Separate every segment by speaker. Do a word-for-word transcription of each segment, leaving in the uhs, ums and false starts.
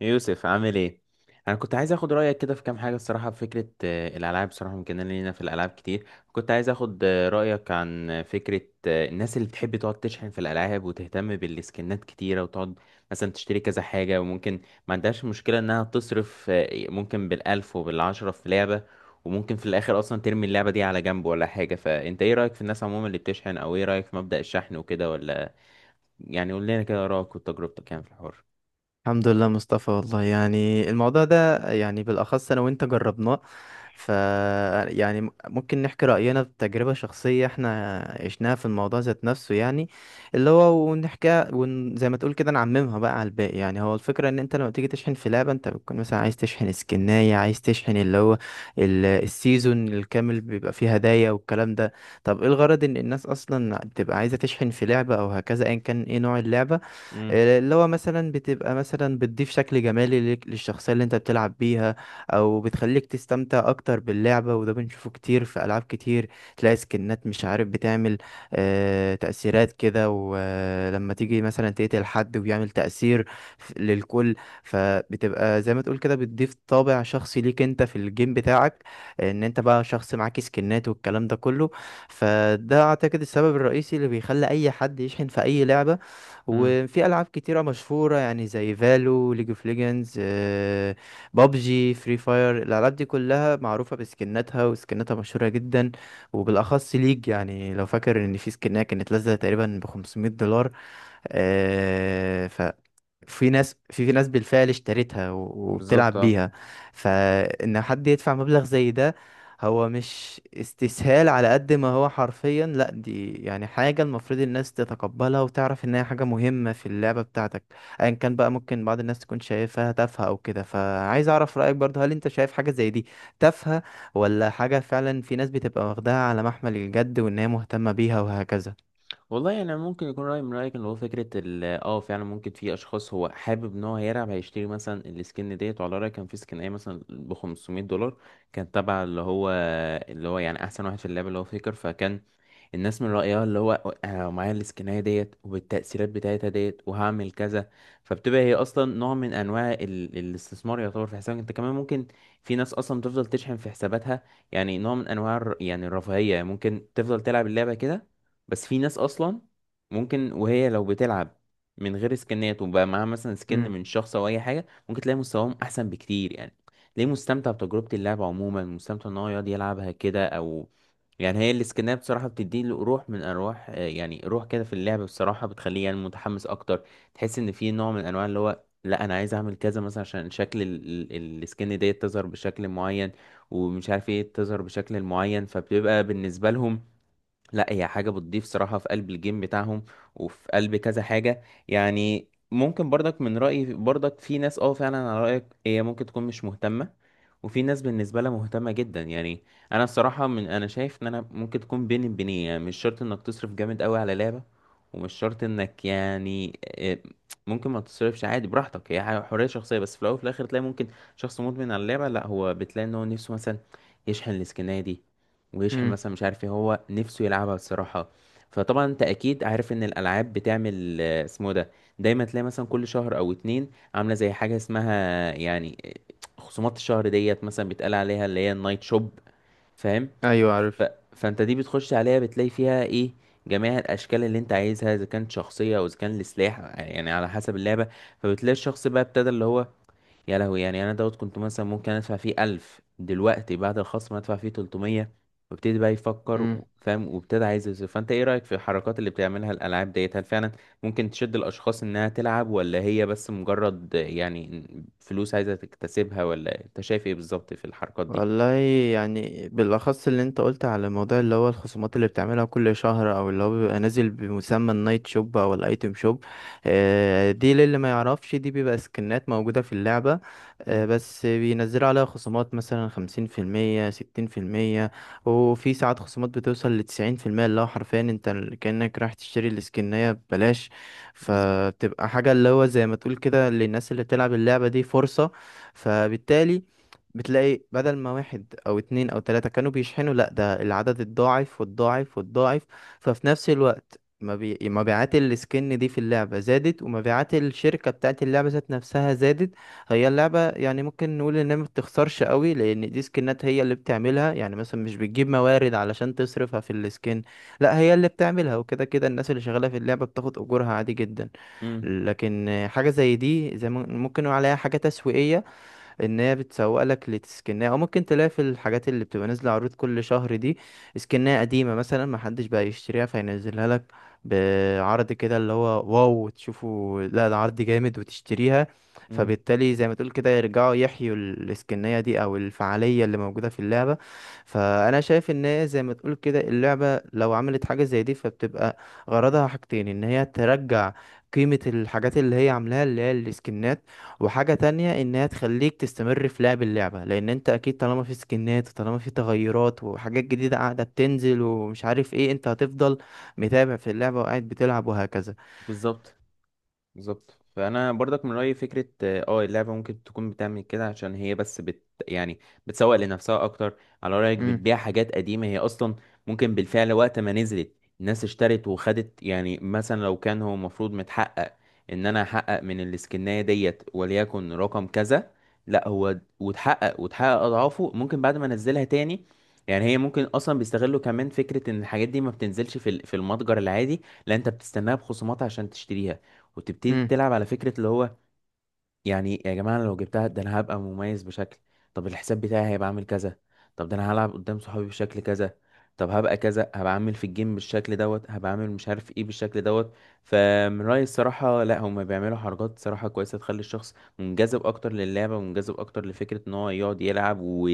Speaker 1: يوسف، عامل ايه؟ انا كنت عايز اخد رايك كده في كام حاجه الصراحه، في فكره، آه، الالعاب الصراحه ممكن لينا في الالعاب كتير. كنت عايز اخد آه، رايك عن آه، فكره آه، الناس اللي بتحب تقعد تشحن في الالعاب وتهتم بالسكنات كتيره، وتقعد مثلا تشتري كذا حاجه. وممكن ما عندهاش مشكله انها تصرف، آه، ممكن بالالف وبالعشره في لعبه، وممكن في الاخر اصلا ترمي اللعبه دي على جنب ولا حاجه. فانت ايه رايك في الناس عموما اللي بتشحن، او ايه رايك في مبدأ الشحن وكده؟ ولا يعني قول لنا كده رايك وتجربتك يعني في الحوار.
Speaker 2: الحمد لله مصطفى، والله يعني الموضوع ده يعني بالأخص أنا وأنت جربناه، ف يعني م- ممكن نحكي رأينا بتجربة شخصية احنا عشناها في الموضوع ذات نفسه، يعني اللي هو ونحكي ون... زي ما تقول كده نعممها بقى على الباقي. يعني هو الفكرة إن أنت لما تيجي تشحن في لعبة أنت بتكون مثلا عايز تشحن سكناية، عايز تشحن اللي هو ال- السيزون الكامل بيبقى فيه هدايا والكلام ده. طب إيه الغرض إن الناس أصلا بتبقى عايزة تشحن في لعبة أو هكذا، أيا كان إيه نوع اللعبة؟ اللي هو مثلا بتبقى مثلا بتضيف شكل جمالي ليك- للشخصية اللي انت بتلعب بيها، او بتخليك تستمتع اكتر باللعبة. وده بنشوفه كتير في العاب كتير، تلاقي سكنات مش عارف بتعمل آه، تأثيرات كده، ولما تيجي مثلا تقتل حد وبيعمل تأثير ف- للكل. فبتبقى زي ما تقول كده بتضيف طابع شخصي ليك انت في الجيم بتاعك، ان انت بقى شخص معاك سكنات والكلام ده كله. فده اعتقد السبب الرئيسي اللي بيخلي اي حد يشحن في اي لعبة.
Speaker 1: امم.
Speaker 2: وفي العاب كتيره مشهوره يعني زي فالو، ليج اوف ليجندز، بابجي، فري فاير، الالعاب دي كلها معروفه بسكناتها وسكناتها مشهوره جدا. وبالاخص ليج، يعني لو فاكر ان في سكنها كانت نازله تقريبا ب خمسمية دولار، في ناس في في ناس بالفعل اشترتها و-
Speaker 1: بالظبط،
Speaker 2: وبتلعب
Speaker 1: اه.
Speaker 2: بيها. فإن حد يدفع مبلغ زي ده هو مش استسهال، على قد ما هو حرفيا لا دي يعني حاجة المفروض الناس تتقبلها وتعرف إن هي حاجة مهمة في اللعبة بتاعتك أيا كان بقى. ممكن بعض الناس تكون شايفها تافهة أو كده، فعايز أعرف رأيك برضه، هل أنت شايف حاجة زي دي تافهة، ولا حاجة فعلا في ناس بتبقى واخداها على محمل الجد وإن هي مهتمة بيها وهكذا؟
Speaker 1: والله يعني ممكن يكون رأي من رأيك، اللي هو فكرة ال اه فعلا ممكن في أشخاص هو حابب إن هو هيلعب، هيشتري مثلا السكن ديت، وعلى رأيي كان في سكناية مثلا ب خمسمية دولار، كانت تبع اللي هو اللي هو يعني أحسن واحد في اللعبة، اللي هو فيكر. فكان الناس من رأيها اللي هو: أنا لو معايا السكناية ديت وبالتأثيرات بتاعتها ديت، وهعمل كذا. فبتبقى هي أصلا نوع من أنواع ال... الاستثمار، يعتبر في حسابك أنت كمان ممكن. في ناس أصلا تفضل تشحن في حساباتها، يعني نوع من أنواع الر- يعني الرفاهية، يعني ممكن تفضل تلعب اللعبة كده. بس في ناس اصلا ممكن وهي لو بتلعب من غير سكنات، وبقى معاها مثلا سكن
Speaker 2: امم.
Speaker 1: من شخص او اي حاجه، ممكن تلاقي مستواهم احسن بكتير، يعني ليه؟ مستمتع بتجربه اللعب عموما، مستمتع ان هو يقعد يلعبها كده. او يعني هي السكنات بصراحه بتدي له روح من ارواح، آه، يعني روح كده في اللعب بصراحه، بتخليه يعني متحمس اكتر. تحس ان في نوع من انواع اللي هو: لا، انا عايز اعمل كذا مثلا عشان شكل ال- ال- السكن ديت تظهر بشكل معين، ومش عارف ايه، تظهر بشكل معين. فبتبقى بالنسبه لهم، لا، هي حاجة بتضيف صراحة في قلب الجيم بتاعهم وفي قلب كذا حاجة. يعني ممكن برضك من رأيي برضك في ناس اه فعلا على رأيك هي ممكن تكون مش مهتمة، وفي ناس بالنسبة لها مهتمة جدا، يعني انا الصراحة، من انا شايف ان انا ممكن تكون بين بينين، يعني مش شرط انك تصرف جامد قوي على لعبة، ومش شرط انك يعني، آه، ممكن ما تصرفش، عادي براحتك، هي حاجة- حرية شخصية. بس في الاول وفي الاخر تلاقي ممكن شخص مدمن على اللعبة، لا، هو بتلاقي ان هو نفسه مثلا يشحن السكنة دي، ويشحن
Speaker 2: امم.
Speaker 1: مثلا مش عارف ايه، هو نفسه يلعبها الصراحة. فطبعا انت اكيد عارف ان الالعاب بتعمل آه، اسمه ده، دايما تلاقي مثلا كل شهر او اتنين عاملة زي حاجة اسمها يعني آه، خصومات الشهر ديت، مثلا بيتقال عليها اللي هي النايت شوب. فاهم؟
Speaker 2: ايوه
Speaker 1: ف...
Speaker 2: عارف.
Speaker 1: فانت دي بتخش عليها، بتلاقي فيها ايه؟ جميع الاشكال اللي انت عايزها، اذا كانت شخصيه او اذا كان لسلاح، يعني على حسب اللعبه. فبتلاقي الشخص بقى ابتدى اللي هو: يا لهوي، يعني انا دوت كنت مثلا ممكن ادفع فيه ألف، دلوقتي بعد الخصم ادفع فيه تلتمية. وابتدي بقى يفكر، و- فاهم، وابتدي عايز يصرف. فانت ايه رأيك في الحركات اللي بتعملها الالعاب ديت؟ هل فعلا ممكن تشد الاشخاص انها تلعب، ولا هي بس مجرد يعني فلوس عايزة تكتسبها، ولا انت شايف ايه بالظبط في الحركات دي؟
Speaker 2: والله يعني بالأخص اللي انت قلت على الموضوع اللي هو الخصومات اللي بتعملها كل شهر، أو اللي هو بيبقى نازل بمسمى النايت شوب أو الأيتم شوب، آه، دي للي ما يعرفش دي بيبقى سكنات موجودة في اللعبة، آه،
Speaker 1: مم.
Speaker 2: بس بينزلوا عليها خصومات مثلا خمسين في المية، ستين في المية. وفي ساعات خصومات بتوصل لتسعين في المية، اللي هو حرفيا انت ال- كأنك رايح تشتري السكنية ببلاش.
Speaker 1: بالظبط.
Speaker 2: فبتبقى حاجة اللي هو زي ما تقول كده للناس اللي بتلعب اللعبة دي فرصة. فبالتالي بتلاقي بدل ما واحد او اتنين او تلاتة كانوا بيشحنوا، لا ده العدد الضاعف والضاعف والضاعف. ففي نفس الوقت مبي... مبيعات السكن دي في اللعبة زادت، ومبيعات الشركة بتاعت اللعبة ذات نفسها زادت. هي اللعبة يعني ممكن نقول انها ما بتخسرش قوي، لان دي سكنات هي اللي بتعملها، يعني مثلا مش بتجيب موارد علشان تصرفها في السكن، لا هي اللي بتعملها، وكده كده الناس اللي شغالة في اللعبة بتاخد اجورها عادي جدا.
Speaker 1: امم.
Speaker 2: لكن حاجة زي دي زي ما- ممكن نقول عليها حاجة تسويقية، ان هي بتسوق لك لسكنها. او ممكن تلاقي في الحاجات اللي بتبقى نازله عروض كل شهر دي، سكنها قديمه مثلا ما حدش بقى يشتريها فينزلها لك بعرض كده اللي هو واو تشوفوا لا ده عرض جامد وتشتريها.
Speaker 1: امم.
Speaker 2: فبالتالي زي ما تقول كده يرجعوا يحيوا ال- السكنية دي او الفعالية اللي موجودة في اللعبة. فانا شايف ان هي زي ما تقول كده اللعبة لو عملت حاجة زي دي فبتبقى غرضها حاجتين، ان هي ترجع قيمة الحاجات اللي هي عاملاها اللي هي السكنات، وحاجة تانية إنها تخليك تستمر في لعب اللعبة، لأن أنت أكيد طالما في سكنات وطالما في تغيرات وحاجات جديدة قاعدة بتنزل ومش عارف إيه، أنت هتفضل متابع في اللعبة وقاعد بتلعب وهكذا.
Speaker 1: بالظبط. بالظبط. فانا برضك من رايي فكره اه آه، اللعبه ممكن تكون بتعمل كده عشان هي بس بت يعني بتسوق لنفسها اكتر، على رايك
Speaker 2: أمم.
Speaker 1: بتبيع حاجات قديمه هي اصلا. ممكن بالفعل وقت ما نزلت الناس اشترت وخدت، يعني مثلا لو كان هو المفروض متحقق ان انا احقق من الاسكنايه ديت وليكن رقم كذا، لا، هو وتحقق وتحقق اضعافه ممكن بعد ما انزلها تاني. يعني هي ممكن اصلا بيستغلوا كمان فكره ان الحاجات دي ما بتنزلش في ال- في المتجر العادي، لا، انت بتستناها بخصومات عشان تشتريها، وتبتدي
Speaker 2: أمم.
Speaker 1: تلعب. على فكرة اللي هو: يعني يا جماعة، أنا لو جبتها ده أنا هبقى مميز بشكل. طب الحساب بتاعي هيبقى عامل كذا. طب ده أنا هلعب قدام صحابي بشكل كذا. طب هبقى كذا، هبقى عامل في الجيم بالشكل دوت، هبقى عامل مش عارف ايه بالشكل دوت. فمن رأيي الصراحة، لا، هما بيعملوا حركات صراحة كويسة، تخلي الشخص منجذب أكتر للعبة ومنجذب أكتر لفكرة إن هو يقعد يلعب، و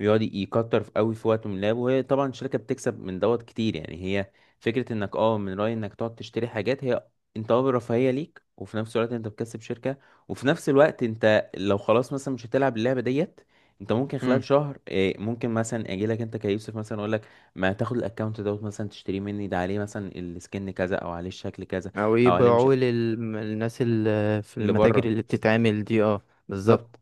Speaker 1: يقعد يكتر في قوي في وقته من اللعب. وهي طبعا الشركة بتكسب من دوت كتير، يعني هي فكرة انك اه من رأيي انك تقعد تشتري حاجات، هي انت اه رفاهية ليك، وفي نفس الوقت انت بتكسب شركة. وفي نفس الوقت انت لو خلاص مثلا مش هتلعب اللعبه ديت، انت ممكن خلال
Speaker 2: أمم.
Speaker 1: شهر إيه، ممكن مثلا اجي لك انت كيوسف مثلا اقول لك: ما تاخد الاكونت دوت مثلا تشتريه مني، ده عليه مثلا السكن كذا او عليه الشكل كذا،
Speaker 2: أو
Speaker 1: او عليه مش
Speaker 2: يبيعوه للناس اللي في
Speaker 1: اللي
Speaker 2: المتاجر
Speaker 1: بره.
Speaker 2: اللي بتتعمل دي، اه.
Speaker 1: بالظبط.
Speaker 2: بالظبط.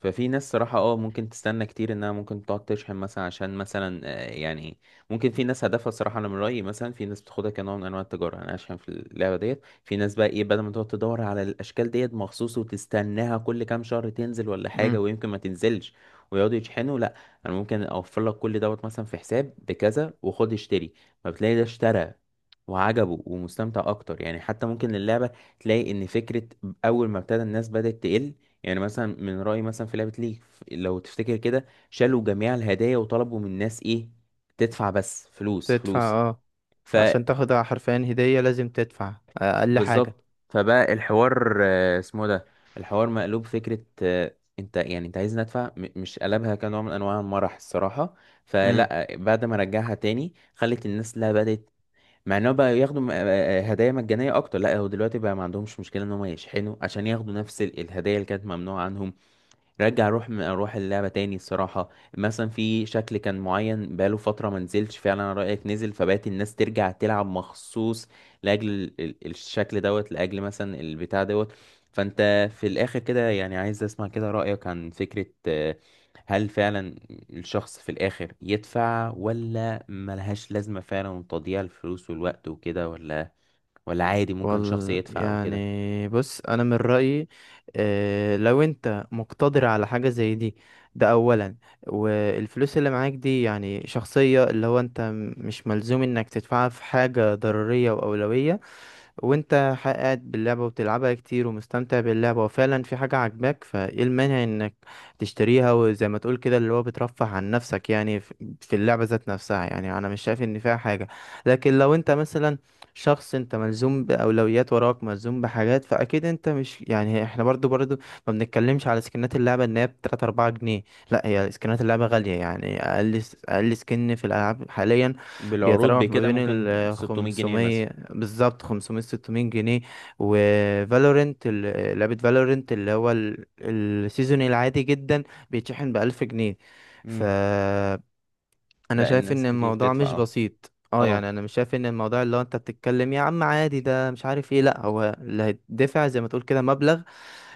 Speaker 1: ففي ناس صراحة اه ممكن تستنى كتير انها ممكن تقعد تشحن مثلا عشان مثلا، آه، يعني ممكن في ناس هدفها صراحة، انا من رأيي مثلا في ناس بتاخدها كنوع من انواع التجارة. يعني انا اشحن في اللعبة ديت. في ناس بقى ايه، بدل ما تقعد تدور على الاشكال ديت مخصوص وتستناها كل كام شهر تنزل ولا
Speaker 2: أمم.
Speaker 1: حاجة، ويمكن ما تنزلش ويقعدوا يشحنوا، لا، انا ممكن اوفر لك كل دوت مثلا في حساب بكذا، وخد اشتري. فبتلاقي ده اشترى وعجبه ومستمتع اكتر، يعني حتى ممكن اللعبة تلاقي ان فكرة اول ما ابتدى، الناس بدأت تقل. يعني مثلا من رأيي مثلا في لعبة ليج، ف- لو تفتكر كده، شالوا جميع الهدايا وطلبوا من الناس ايه؟ تدفع بس. فلوس
Speaker 2: تدفع
Speaker 1: فلوس،
Speaker 2: اه، عشان تاخد حرفيا هدية لازم تدفع أقل حاجة.
Speaker 1: فبالظبط، فبقى الحوار آه، اسمه ده، الحوار مقلوب فكرة. آه، انت يعني انت عايز ندفع، م- مش قلبها كنوع من انواع المرح الصراحة. فلا، بعد ما رجعها تاني خلت الناس، لا، بدأت مع انهم بقى ياخدوا م- آه، آه، هدايا مجانية اكتر. لا، هو دلوقتي بقى ما عندهمش مشكلة ان هم يشحنوا عشان ياخدوا نفس ال- الهدايا اللي كانت ممنوعة عنهم. رجع اروح اروح اللعبه تاني الصراحه. مثلا في شكل كان معين بقاله فتره ما نزلش، فعلا أنا رايك نزل، فبقت الناس ترجع تلعب مخصوص لاجل ال- ال- الشكل دوت، لاجل مثلا البتاع دوت. فانت في الاخر كده يعني عايز اسمع كده رايك عن فكره، آه، هل فعلا الشخص في الاخر يدفع، ولا ملهاش لازمه، فعلا تضييع الفلوس والوقت وكده، ولا ولا عادي ممكن شخص
Speaker 2: وال
Speaker 1: يدفع وكده؟
Speaker 2: يعني بص انا من رايي، آه، لو انت مقتدر على حاجه زي دي، ده اولا. والفلوس اللي معاك دي يعني شخصيه، اللي هو انت م- مش ملزوم انك تدفعها في حاجه ضروريه واولويه. وانت ح- قاعد باللعبة وبتلعبها كتير ومستمتع باللعبة وفعلا في حاجة عاجباك، فايه المانع انك تشتريها، وزي ما تقول كده اللي هو بترفه عن نفسك يعني ف- في اللعبة ذات نفسها. يعني انا مش شايف ان فيها حاجة. لكن لو انت مثلا شخص انت ملزوم بأولويات وراك ملزوم بحاجات، فاكيد انت مش يعني، احنا برضو برضو ما بنتكلمش على سكنات اللعبة ان هي ب تلاتة أربعة جنيه، لا هي سكنات اللعبة غالية، يعني اقل س- اقل سكن في الالعاب حاليا
Speaker 1: بالعروض
Speaker 2: بيتراوح ما
Speaker 1: بكده
Speaker 2: بين
Speaker 1: ممكن
Speaker 2: ال
Speaker 1: ستمائة جنيه مثلا.
Speaker 2: خمسمئة، بالظبط خمسمية ستمية جنيه. وفالورنت، لعبة فالورنت اللي هو ال- السيزون العادي جدا بيتشحن بألف جنيه. فأنا
Speaker 1: لا،
Speaker 2: شايف
Speaker 1: الناس
Speaker 2: إن
Speaker 1: كتير
Speaker 2: الموضوع
Speaker 1: بتدفع،
Speaker 2: مش
Speaker 1: اه.
Speaker 2: بسيط اه، يعني
Speaker 1: اه.
Speaker 2: انا مش شايف ان الموضوع اللي هو انت بتتكلم يا عم عادي ده مش عارف ايه، لا هو اللي هيدفع زي ما تقول كده مبلغ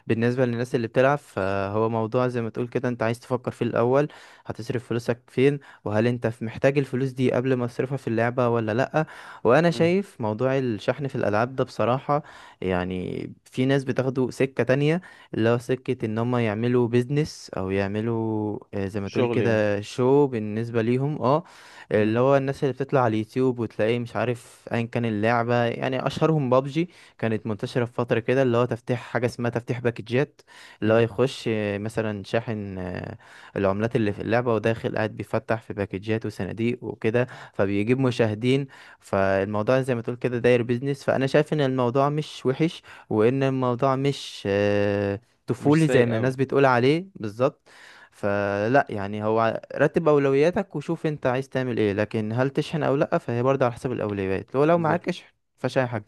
Speaker 2: بالنسبة للناس اللي بتلعب. فهو موضوع زي ما تقول كده انت عايز تفكر فيه الأول، هتصرف فلوسك فين وهل انت ف- محتاج الفلوس دي قبل ما تصرفها في اللعبة ولا لأ. وأنا
Speaker 1: مم.
Speaker 2: شايف موضوع الشحن في الألعاب ده بصراحة يعني في ناس بتاخده سكة تانية، اللي هو سكة ان هم يعملوا بيزنس او يعملوا آه، زي ما تقول
Speaker 1: شغل يعني.
Speaker 2: كده شو بالنسبة ليهم اه. اللي
Speaker 1: مم.
Speaker 2: هو الناس اللي بتطلع على اليوتيوب وتلاقيه مش عارف ايا كان اللعبة، يعني اشهرهم بابجي، كانت منتشرة في فترة كده اللي هو تفتيح حاجة اسمها تفتيح باكجات، اللي هو
Speaker 1: مم.
Speaker 2: يخش آه، مثلا شاحن آه، العملات اللي في اللعبة وداخل قاعد بيفتح في باكجات وصناديق وكده، فبيجيب مشاهدين. فالموضوع زي ما تقول كده داير بيزنس، فأنا شايف إن الموضوع مش وحش، وإن الموضوع مش آه،
Speaker 1: مش
Speaker 2: طفولي زي ما
Speaker 1: سيء أوي.
Speaker 2: الناس بتقول عليه بالظبط. فلا يعني، هو رتب أولوياتك وشوف أنت عايز تعمل إيه، لكن هل تشحن أو لأ فهي برضه على حسب الأولويات، لو لو
Speaker 1: بالظبط.
Speaker 2: معاك اشحن. فشاي حاجة.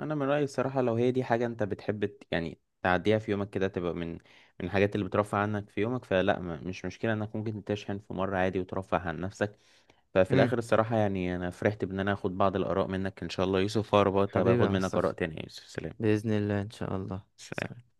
Speaker 1: أنا من رأيي الصراحة، لو هي دي حاجة أنت بتحب ت- يعني تعديها في يومك كده، تبقى من من الحاجات اللي بترفع عنك في يومك، فلا، ما مش مشكلة إنك ممكن تشحن في مرة عادي وترفه عن نفسك. ففي الآخر الصراحة يعني، أنا فرحت بإن أنا آخد بعض الآراء منك إن شاء الله يوسف، وأربط
Speaker 2: حبيبي
Speaker 1: هباخد
Speaker 2: يا
Speaker 1: منك آراء
Speaker 2: مصطفى،
Speaker 1: تانية. يا يوسف، سلام.
Speaker 2: بإذن الله إن شاء الله.
Speaker 1: سلام.
Speaker 2: سلام.